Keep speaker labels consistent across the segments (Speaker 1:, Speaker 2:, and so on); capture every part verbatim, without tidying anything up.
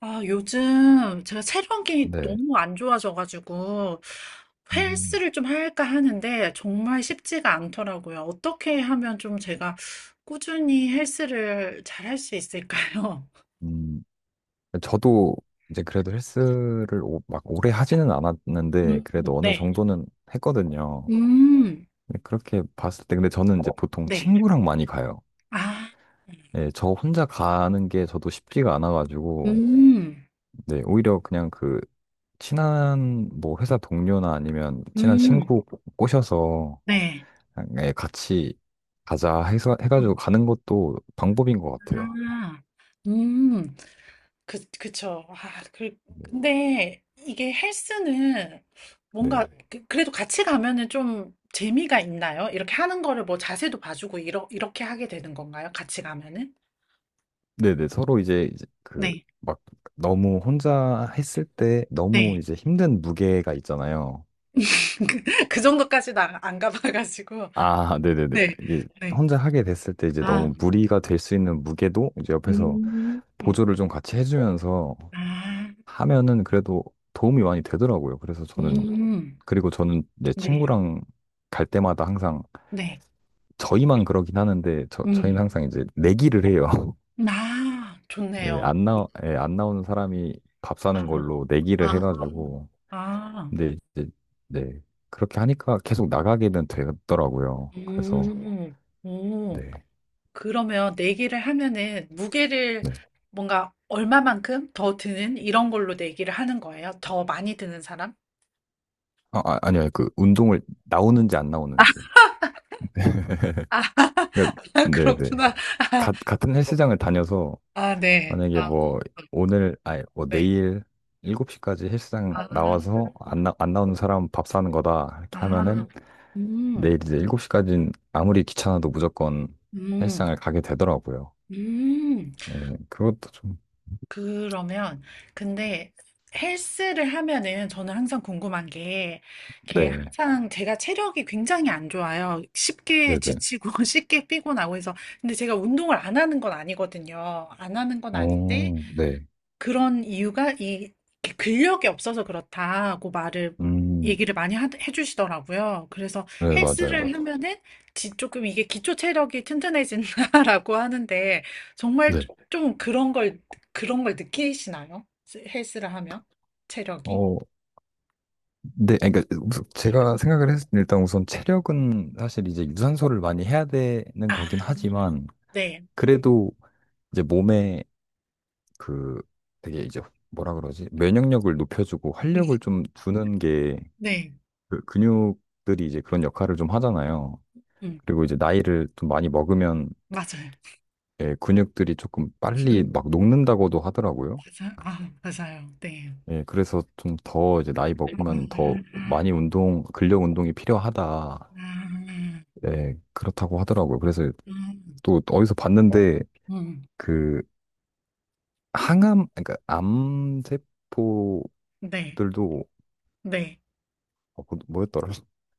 Speaker 1: 아, 요즘 제가 체력이
Speaker 2: 네.
Speaker 1: 너무 안 좋아져가지고
Speaker 2: 음,
Speaker 1: 헬스를 좀 할까 하는데 정말 쉽지가 않더라고요. 어떻게 하면 좀 제가 꾸준히 헬스를 잘 할 수 있을까요?
Speaker 2: 음, 저도 이제 그래도 헬스를 오- 막 오래 하지는 않았는데,
Speaker 1: 음,
Speaker 2: 그래도 어느
Speaker 1: 네.
Speaker 2: 정도는 했거든요.
Speaker 1: 음,
Speaker 2: 근데 그렇게 봤을 때, 근데 저는 이제 보통
Speaker 1: 네.
Speaker 2: 친구랑 많이 가요.
Speaker 1: 아,
Speaker 2: 네, 저 혼자 가는 게 저도 쉽지가 않아가지고,
Speaker 1: 음,
Speaker 2: 네, 오히려 그냥 그, 친한 뭐 회사 동료나 아니면 친한
Speaker 1: 음,
Speaker 2: 친구 꼬- 꼬셔서
Speaker 1: 네.
Speaker 2: 그냥, 예, 같이 가자 해서 해가지고 가는 것도 방법인 것 같아요.
Speaker 1: 아, 음. 그, 그쵸. 아, 그, 근데 이게 헬스는 뭔가
Speaker 2: 네.
Speaker 1: 그- 그래도 같이 가면은 좀 재미가 있나요? 이렇게 하는 거를 뭐 자세도 봐주고 이러, 이렇게 하게 되는 건가요? 같이 가면은?
Speaker 2: 네네, 서로 이제, 이제 그,
Speaker 1: 네,
Speaker 2: 막, 너무 혼자 했을 때 너무
Speaker 1: 네,
Speaker 2: 이제 힘든 무게가 있잖아요.
Speaker 1: 그 정도까지는 안, 안 가봐가지고.
Speaker 2: 아, 네네네.
Speaker 1: 네,
Speaker 2: 이게
Speaker 1: 네.
Speaker 2: 혼자 하게 됐을 때 이제
Speaker 1: 아,
Speaker 2: 너무 무리가 될 수 있는 무게도 이제 옆에서
Speaker 1: 음, 음,
Speaker 2: 보조를 좀 같이 해주면서
Speaker 1: 아,
Speaker 2: 하면은 그래도 도움이 많이 되더라고요. 그래서 저는,
Speaker 1: 음,
Speaker 2: 그리고 저는 이제
Speaker 1: 네,
Speaker 2: 친구랑 갈 때마다 항상
Speaker 1: 네,
Speaker 2: 저희만 그러긴 하는데 저,
Speaker 1: 음,
Speaker 2: 저희는 항상 이제 내기를 해요.
Speaker 1: 아,
Speaker 2: 네,
Speaker 1: 좋네요.
Speaker 2: 안 나, 예, 안 나오는 사람이 밥
Speaker 1: 아,
Speaker 2: 사는 걸로 내기를
Speaker 1: 아,
Speaker 2: 해가지고
Speaker 1: 아,
Speaker 2: 근데 이제 네 그렇게 하니까 계속 나가게는 되더라고요. 그래서
Speaker 1: 음, 오.
Speaker 2: 네,
Speaker 1: 그러면 내기를 하면은 무게를
Speaker 2: 네.
Speaker 1: 뭔가 얼마만큼 더 드는 이런 걸로 내기를 하는 거예요? 더 많이 드는 사람?
Speaker 2: 아, 아 아니요, 그 운동을 나오는지 안 나오는지
Speaker 1: 아,
Speaker 2: 그러니까 네네
Speaker 1: 그렇구나. 아,
Speaker 2: 가, 같은 헬스장을 다녀서
Speaker 1: 아, 네.
Speaker 2: 만약에
Speaker 1: 아,
Speaker 2: 뭐 오늘 아니 뭐
Speaker 1: 네.
Speaker 2: 내일 일곱 시까지
Speaker 1: 아,
Speaker 2: 헬스장 나와서 안, 나, 안 나오는 사람 밥 사는 거다 이렇게
Speaker 1: 아,
Speaker 2: 하면은
Speaker 1: 음,
Speaker 2: 내일 이제 일곱 시까지는 아무리 귀찮아도 무조건
Speaker 1: 음,
Speaker 2: 헬스장을 가게 되더라고요.
Speaker 1: 음.
Speaker 2: 네, 그것도 좀
Speaker 1: 그러면 근데 헬스를 하면은 저는 항상 궁금한 게, 이게
Speaker 2: 네
Speaker 1: 항상 제가 체력이 굉장히 안 좋아요. 쉽게
Speaker 2: 네네
Speaker 1: 지치고 쉽게 피곤하고 해서 근데 제가 운동을 안 하는 건 아니거든요. 안 하는 건 아닌데
Speaker 2: 어 네.
Speaker 1: 그런 이유가 이 근력이 없어서 그렇다고 말을
Speaker 2: 음,
Speaker 1: 얘기를 많이 하- 해주시더라고요. 그래서
Speaker 2: 네, 맞아요, 맞아요.
Speaker 1: 헬스를 하면은 지- 조금 이게 기초 체력이 튼튼해진다라고 하는데 정말
Speaker 2: 네.
Speaker 1: 좀 그런 걸 그런 걸 느끼시나요? 스- 헬스를 하면 체력이?
Speaker 2: 어, 네, 아니, 그러니까 우선 제가 생각을 했을 때 일단 우선 체력은 사실 이제 유산소를 많이 해야 되는
Speaker 1: 아,
Speaker 2: 거긴 하지만
Speaker 1: 네.
Speaker 2: 그래도 이제 몸에 그 되게 이제 뭐라 그러지? 면역력을 높여주고 활력을 좀 주는 게,
Speaker 1: 네.
Speaker 2: 그 근육들이 이제 그런 역할을 좀 하잖아요.
Speaker 1: 음,
Speaker 2: 그리고 이제 나이를 좀 많이 먹으면
Speaker 1: 맞아요.
Speaker 2: 예, 근육들이 조금 빨리
Speaker 1: 음,
Speaker 2: 막 녹는다고도 하더라고요.
Speaker 1: 맞아요. 아, 맞아요. 네.
Speaker 2: 예, 그래서 좀 더 이제 나이 먹으면 더
Speaker 1: 음,
Speaker 2: 많이 운동, 근력 운동이 필요하다.
Speaker 1: 음,
Speaker 2: 예, 그렇다고 하더라고요. 그래서
Speaker 1: 음, 음,
Speaker 2: 또 어디서 봤는데
Speaker 1: 음.
Speaker 2: 그 항암, 그러니까 암세포들도
Speaker 1: 네. 네.
Speaker 2: 어, 그 뭐였더라?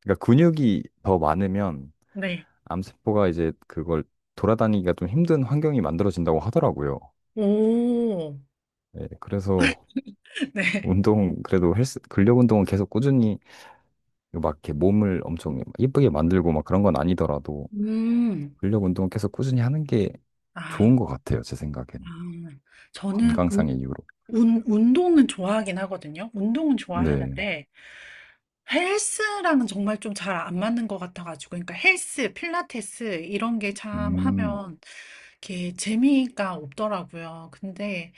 Speaker 2: 그러니까 근육이 더 많으면
Speaker 1: 네.
Speaker 2: 암세포가 이제 그걸 돌아다니기가 좀 힘든 환경이 만들어진다고 하더라고요.
Speaker 1: 오.
Speaker 2: 예, 그래서
Speaker 1: 네.
Speaker 2: 운동, 그래도 헬스 근력 운동은 계속 꾸준히, 막 이렇게 몸을 엄청 예쁘게 만들고 막 그런 건 아니더라도
Speaker 1: 음.
Speaker 2: 근력 운동을 계속 꾸준히 하는 게
Speaker 1: 아,
Speaker 2: 좋은 것 같아요, 제
Speaker 1: 아.
Speaker 2: 생각에는.
Speaker 1: 저는 운,
Speaker 2: 건강상의 이유로.
Speaker 1: 운- 운동은 좋아하긴 하거든요. 운동은
Speaker 2: 네.
Speaker 1: 좋아하는데 헬스랑은 정말 좀 잘 안 맞는 것 같아가지고, 그러니까 헬스, 필라테스 이런 게 참
Speaker 2: 음.
Speaker 1: 하면 이렇게 재미가 없더라고요. 근데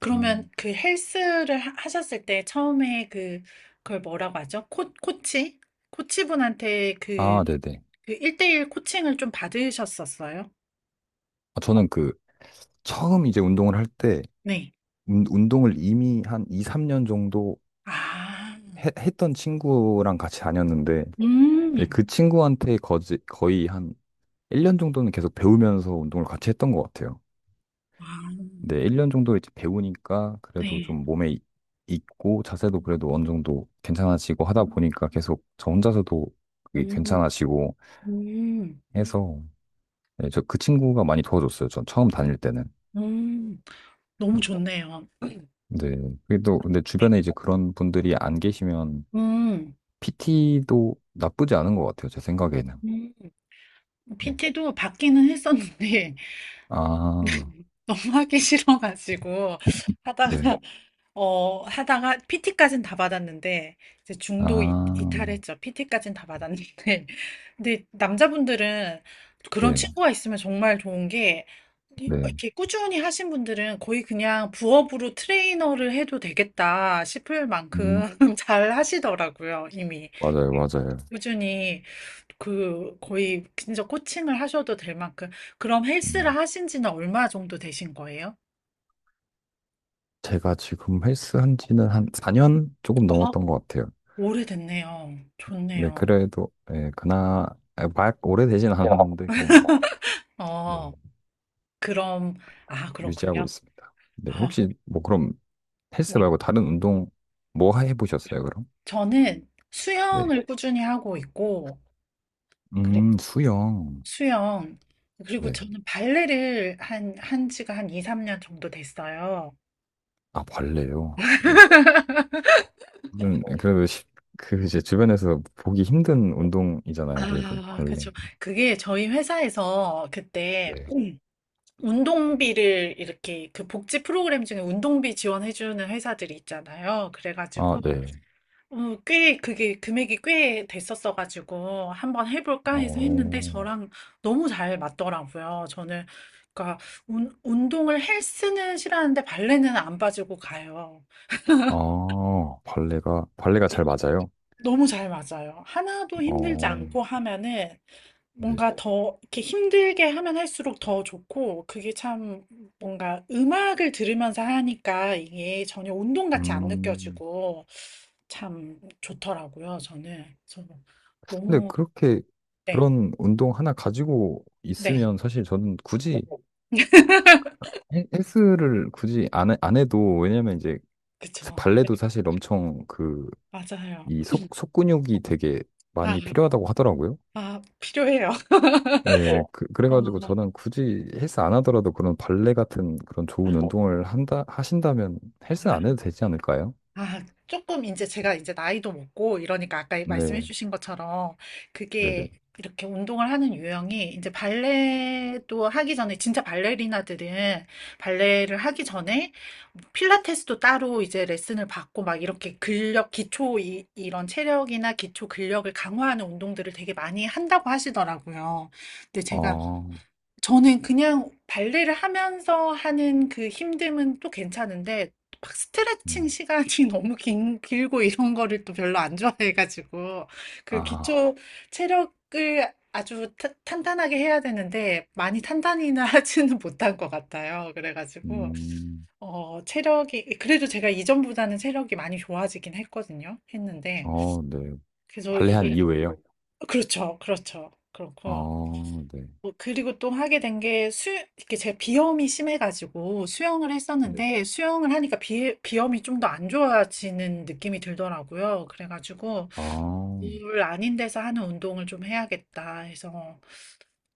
Speaker 1: 그러면
Speaker 2: 음.
Speaker 1: 그 헬스를 하- 하셨을 때 처음에 그 그걸 뭐라고 하죠? 코, 코치? 코치분한테 그,
Speaker 2: 아, 네네.
Speaker 1: 그 일 대일 코칭을 좀 받으셨었어요?
Speaker 2: 아, 저는 그, 처음 이제 운동을 할 때,
Speaker 1: 네.
Speaker 2: 운- 운동을 이미 한 이, 삼 년 정도
Speaker 1: 아,
Speaker 2: 해- 했던 친구랑 같이 다녔는데, 이제
Speaker 1: 음,
Speaker 2: 그 친구한테 거지, 거의 한 일 년 정도는 계속 배우면서 운동을 같이 했던 것 같아요.
Speaker 1: 아,
Speaker 2: 네, 일 년 정도 이제 배우니까 그래도
Speaker 1: 네.
Speaker 2: 좀 몸에 이- 익고 자세도 그래도 어느 정도 괜찮아지고 하다 보니까 계속 저 혼자서도 그게
Speaker 1: 음,
Speaker 2: 괜찮아지고
Speaker 1: 음,
Speaker 2: 해서, 네, 저 그 친구가 많이 도와줬어요. 전 처음 다닐 때는.
Speaker 1: 음, 너무
Speaker 2: 네.
Speaker 1: 좋네요.
Speaker 2: 근데 그게 또 근데
Speaker 1: 네.
Speaker 2: 주변에 이제 그런 분들이 안 계시면
Speaker 1: 음,
Speaker 2: 피티도 나쁘지 않은 것 같아요. 제 생각에는.
Speaker 1: 음.
Speaker 2: 네.
Speaker 1: 피티도 받기는 했었는데,
Speaker 2: 아,
Speaker 1: 너무 하기 싫어가지고,
Speaker 2: 네.
Speaker 1: 하다가, 어, 하다가, 피티까진 다 받았는데, 이제 중도 이,
Speaker 2: 아,
Speaker 1: 이탈했죠. 피티까진 다 받았는데. 근데 남자분들은 그런
Speaker 2: 네.
Speaker 1: 친구가 있으면 정말 좋은 게,
Speaker 2: 네.
Speaker 1: 이렇게 꾸준히 하신 분들은 거의 그냥 부업으로 트레이너를 해도 되겠다 싶을
Speaker 2: 음,
Speaker 1: 만큼 잘 하시더라고요, 이미.
Speaker 2: 맞아요, 맞아요.
Speaker 1: 꾸준히. 그 거의 진짜 코칭을 하셔도 될 만큼 그럼 헬스를
Speaker 2: 음.
Speaker 1: 하신 지는 얼마 정도 되신 거예요?
Speaker 2: 제가 지금 헬스 한 지는 한 사 년 조금
Speaker 1: 어,
Speaker 2: 넘었던 것 같아요.
Speaker 1: 오래됐네요.
Speaker 2: 네,
Speaker 1: 좋네요.
Speaker 2: 그래도, 예, 그나, 아, 막 오래되진 않았는데, 그냥, 네,
Speaker 1: 어, 그럼 아,
Speaker 2: 유지하고
Speaker 1: 그렇군요.
Speaker 2: 있습니다. 네,
Speaker 1: 아,
Speaker 2: 혹시, 뭐, 그럼, 헬스
Speaker 1: 네.
Speaker 2: 말고 다른 운동, 뭐 해보셨어요, 그럼?
Speaker 1: 저는
Speaker 2: 네.
Speaker 1: 수영을 꾸준히 하고 있고 그리고
Speaker 2: 음, 수영.
Speaker 1: 수영 그리고
Speaker 2: 네.
Speaker 1: 저는 발레를 한, 한 지가 한 이, 삼 년 정도 됐어요.
Speaker 2: 아, 발레요. 네. 음, 그래도, 쉽- 그, 이제, 주변에서 보기 힘든 운동이잖아요, 그래도,
Speaker 1: 아, 그죠.
Speaker 2: 발레.
Speaker 1: 그게 저희 회사에서 그때
Speaker 2: 네.
Speaker 1: 운동비를 이렇게 그 복지 프로그램 중에 운동비 지원해주는 회사들이 있잖아요.
Speaker 2: 아,
Speaker 1: 그래가지고
Speaker 2: 네.
Speaker 1: 어, 꽤 그게 금액이 꽤 됐었어가지고 한번 해볼까 해서 했는데
Speaker 2: 어,
Speaker 1: 저랑 너무 잘 맞더라고요. 저는 그러니까 운, 운동을 헬스는 싫어하는데 발레는 안 빠지고 가요.
Speaker 2: 아, 발레가, 발레가 잘 맞아요?
Speaker 1: 너무 잘 맞아요. 하나도 힘들지
Speaker 2: 어.
Speaker 1: 않고 하면은
Speaker 2: 네.
Speaker 1: 뭔가 더 이렇게 힘들게 하면 할수록 더 좋고, 그게 참 뭔가 음악을 들으면서 하니까 이게 전혀 운동 같이 안
Speaker 2: 음,
Speaker 1: 느껴지고 참 좋더라고요, 저는. 저
Speaker 2: 근데
Speaker 1: 너무,
Speaker 2: 그렇게
Speaker 1: 네,
Speaker 2: 그런 운동 하나 가지고
Speaker 1: 네,
Speaker 2: 있으면 사실 저는 굳이 헬- 헬스를 굳이 안, 해- 안 해도, 왜냐면 이제
Speaker 1: 그쵸. 그래,
Speaker 2: 발레도 사실 엄청 그
Speaker 1: 맞아요.
Speaker 2: 이 속, 속 근육이 되게
Speaker 1: 아,
Speaker 2: 많이 필요하다고 하더라고요.
Speaker 1: 아, 필요해요.
Speaker 2: 예, 그,
Speaker 1: 어,
Speaker 2: 그래가지고 저는 굳이 헬스 안 하더라도 그런 발레 같은 그런 좋은
Speaker 1: 아,
Speaker 2: 운동을 한다, 하신다면 헬스 안 해도
Speaker 1: 아.
Speaker 2: 되지 않을까요?
Speaker 1: 아, 조금 이제 제가 이제 나이도 먹고 이러니까 아까 말씀해
Speaker 2: 네,
Speaker 1: 주신 것처럼
Speaker 2: 네네.
Speaker 1: 그게 이렇게 운동을 하는 유형이 이제 발레도 하기 전에 진짜 발레리나들은 발레를 하기 전에 필라테스도 따로 이제 레슨을 받고 막 이렇게 근력 기초 이, 이런 체력이나 기초 근력을 강화하는 운동들을 되게 많이 한다고 하시더라고요. 근데 제가
Speaker 2: 아,
Speaker 1: 저는 그냥 발레를 하면서 하는 그 힘듦은 또 괜찮은데 막 스트레칭
Speaker 2: 음,
Speaker 1: 시간이 너무 긴, 길고 이런 거를 또 별로 안 좋아해가지고 그
Speaker 2: 아하,
Speaker 1: 기초 체력을 아주 타- 탄탄하게 해야 되는데 많이 탄탄히는 하지는 못한 것 같아요. 그래가지고
Speaker 2: 음,
Speaker 1: 어, 체력이 그래도 제가 이전보다는 체력이 많이 좋아지긴 했거든요. 했는데
Speaker 2: 어, 네.
Speaker 1: 그래서 어,
Speaker 2: 발레 한
Speaker 1: 이게
Speaker 2: 이후에요.
Speaker 1: 그렇죠, 그렇죠. 그렇고
Speaker 2: 아, 네.
Speaker 1: 어, 그리고 또 하게 된 게 수, 이렇게 제 비염이 심해가지고 수영을
Speaker 2: 네.
Speaker 1: 했었는데 수영을 하니까 비, 비염이 좀 더 안 좋아지는 느낌이 들더라고요. 그래가지고
Speaker 2: 아,
Speaker 1: 물 아닌 데서 하는 운동을 좀 해야겠다 해서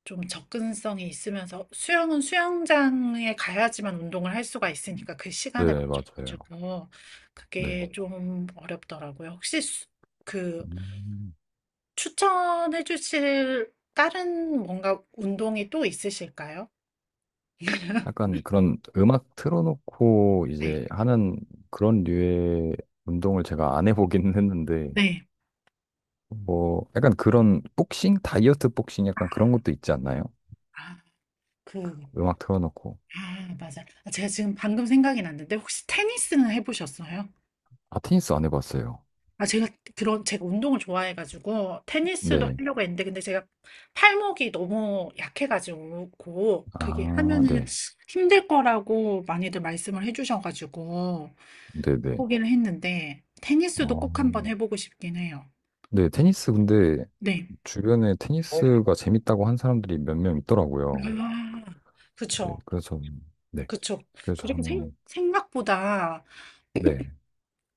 Speaker 1: 좀 접근성이 있으면서 수영은 수영장에 가야지만 운동을 할 수가 있으니까 그 시간에
Speaker 2: 네, 맞아요.
Speaker 1: 맞춰가지고
Speaker 2: 네.
Speaker 1: 그게 좀 어렵더라고요. 혹시 수- 그
Speaker 2: 음,
Speaker 1: 추천해 주실 다른 뭔가 운동이 또 있으실까요?
Speaker 2: 약간 그런 음악 틀어놓고 이제 하는 그런 류의 운동을 제가 안 해보긴 했는데,
Speaker 1: 네.
Speaker 2: 뭐, 약간 그런 복싱? 다이어트 복싱 약간 그런 것도 있지 않나요?
Speaker 1: 아, 그,
Speaker 2: 음악 틀어놓고.
Speaker 1: 아, 맞아. 아, 제가 지금 방금 생각이 났는데, 혹시 테니스는 해보셨어요?
Speaker 2: 아, 테니스 안 해봤어요.
Speaker 1: 아, 제가 그런, 제가 운동을 좋아해가지고, 테니스도
Speaker 2: 네.
Speaker 1: 하려고 했는데, 근데 제가 팔목이 너무 약해가지고, 그게
Speaker 2: 아,
Speaker 1: 하면은
Speaker 2: 네.
Speaker 1: 힘들 거라고 많이들 말씀을 해주셔가지고,
Speaker 2: 네네.
Speaker 1: 포기를 했는데, 테니스도
Speaker 2: 어,
Speaker 1: 꼭 한번 해보고 싶긴 해요.
Speaker 2: 네, 테니스 근데
Speaker 1: 네.
Speaker 2: 주변에 테니스가 재밌다고 한 사람들이 몇 명 있더라고요.
Speaker 1: 아,
Speaker 2: 네,
Speaker 1: 그쵸.
Speaker 2: 그래서, 네.
Speaker 1: 그쵸.
Speaker 2: 그래서
Speaker 1: 그리고 생,
Speaker 2: 하는,
Speaker 1: 생각보다
Speaker 2: 네.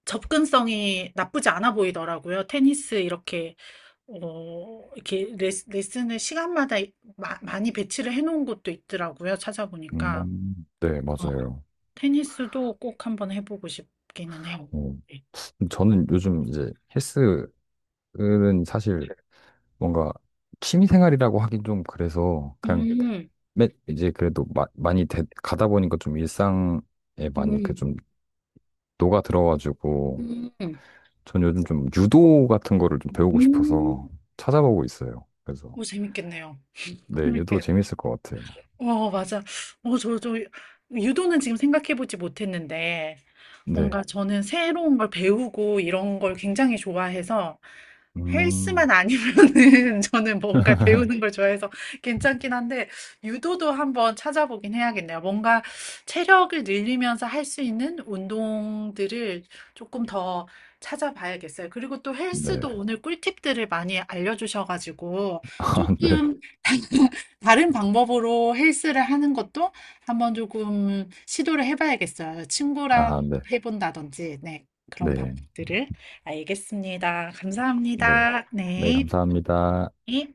Speaker 1: 접근성이 나쁘지 않아 보이더라고요. 테니스 이렇게 어, 이렇게 레스, 레슨을 시간마다 이- 마- 많이 배치를 해놓은 곳도 있더라고요. 찾아보니까
Speaker 2: 음, 네,
Speaker 1: 어,
Speaker 2: 맞아요.
Speaker 1: 테니스도 꼭 한번 해보고 싶기는 해요.
Speaker 2: 어,
Speaker 1: 네.
Speaker 2: 저는 요즘 이제 헬스는 사실 뭔가 취미 생활이라고 하긴 좀 그래서 그냥,
Speaker 1: 음,
Speaker 2: 매, 이제 그래도 마, 많이 되, 가다 보니까 좀 일상에 많이 그
Speaker 1: 음,
Speaker 2: 좀 녹아 들어가지고
Speaker 1: 음,
Speaker 2: 전 요즘 좀 유도 같은 거를 좀 배우고
Speaker 1: 음,
Speaker 2: 싶어서 찾아보고 있어요. 그래서
Speaker 1: 오, 재밌겠네요.
Speaker 2: 네, 유도
Speaker 1: 재밌게.
Speaker 2: 재밌을 것 같아요.
Speaker 1: 어, 맞아. 어, 저, 저, 유도는 지금 생각해보지 못했는데,
Speaker 2: 네.
Speaker 1: 뭔가 저는 새로운 걸 배우고 이런 걸 굉장히 좋아해서, 헬스만
Speaker 2: 음,
Speaker 1: 아니면은 저는 뭔가 배우는 걸 좋아해서 괜찮긴 한데, 유도도 한번 찾아보긴 해야겠네요. 뭔가 체력을 늘리면서 할 수 있는 운동들을 조금 더 찾아봐야겠어요. 그리고 또
Speaker 2: 네.
Speaker 1: 헬스도 오늘 꿀팁들을 많이 알려주셔가지고,
Speaker 2: 아, 네.
Speaker 1: 조금 다른 방법으로 헬스를 하는 것도 한번 조금 시도를 해봐야겠어요.
Speaker 2: 아,
Speaker 1: 친구랑
Speaker 2: 네.
Speaker 1: 해본다든지, 네, 그런
Speaker 2: 네.
Speaker 1: 방법들을 알겠습니다.
Speaker 2: 네.
Speaker 1: 감사합니다.
Speaker 2: 네,
Speaker 1: 네.
Speaker 2: 감사합니다.
Speaker 1: 네.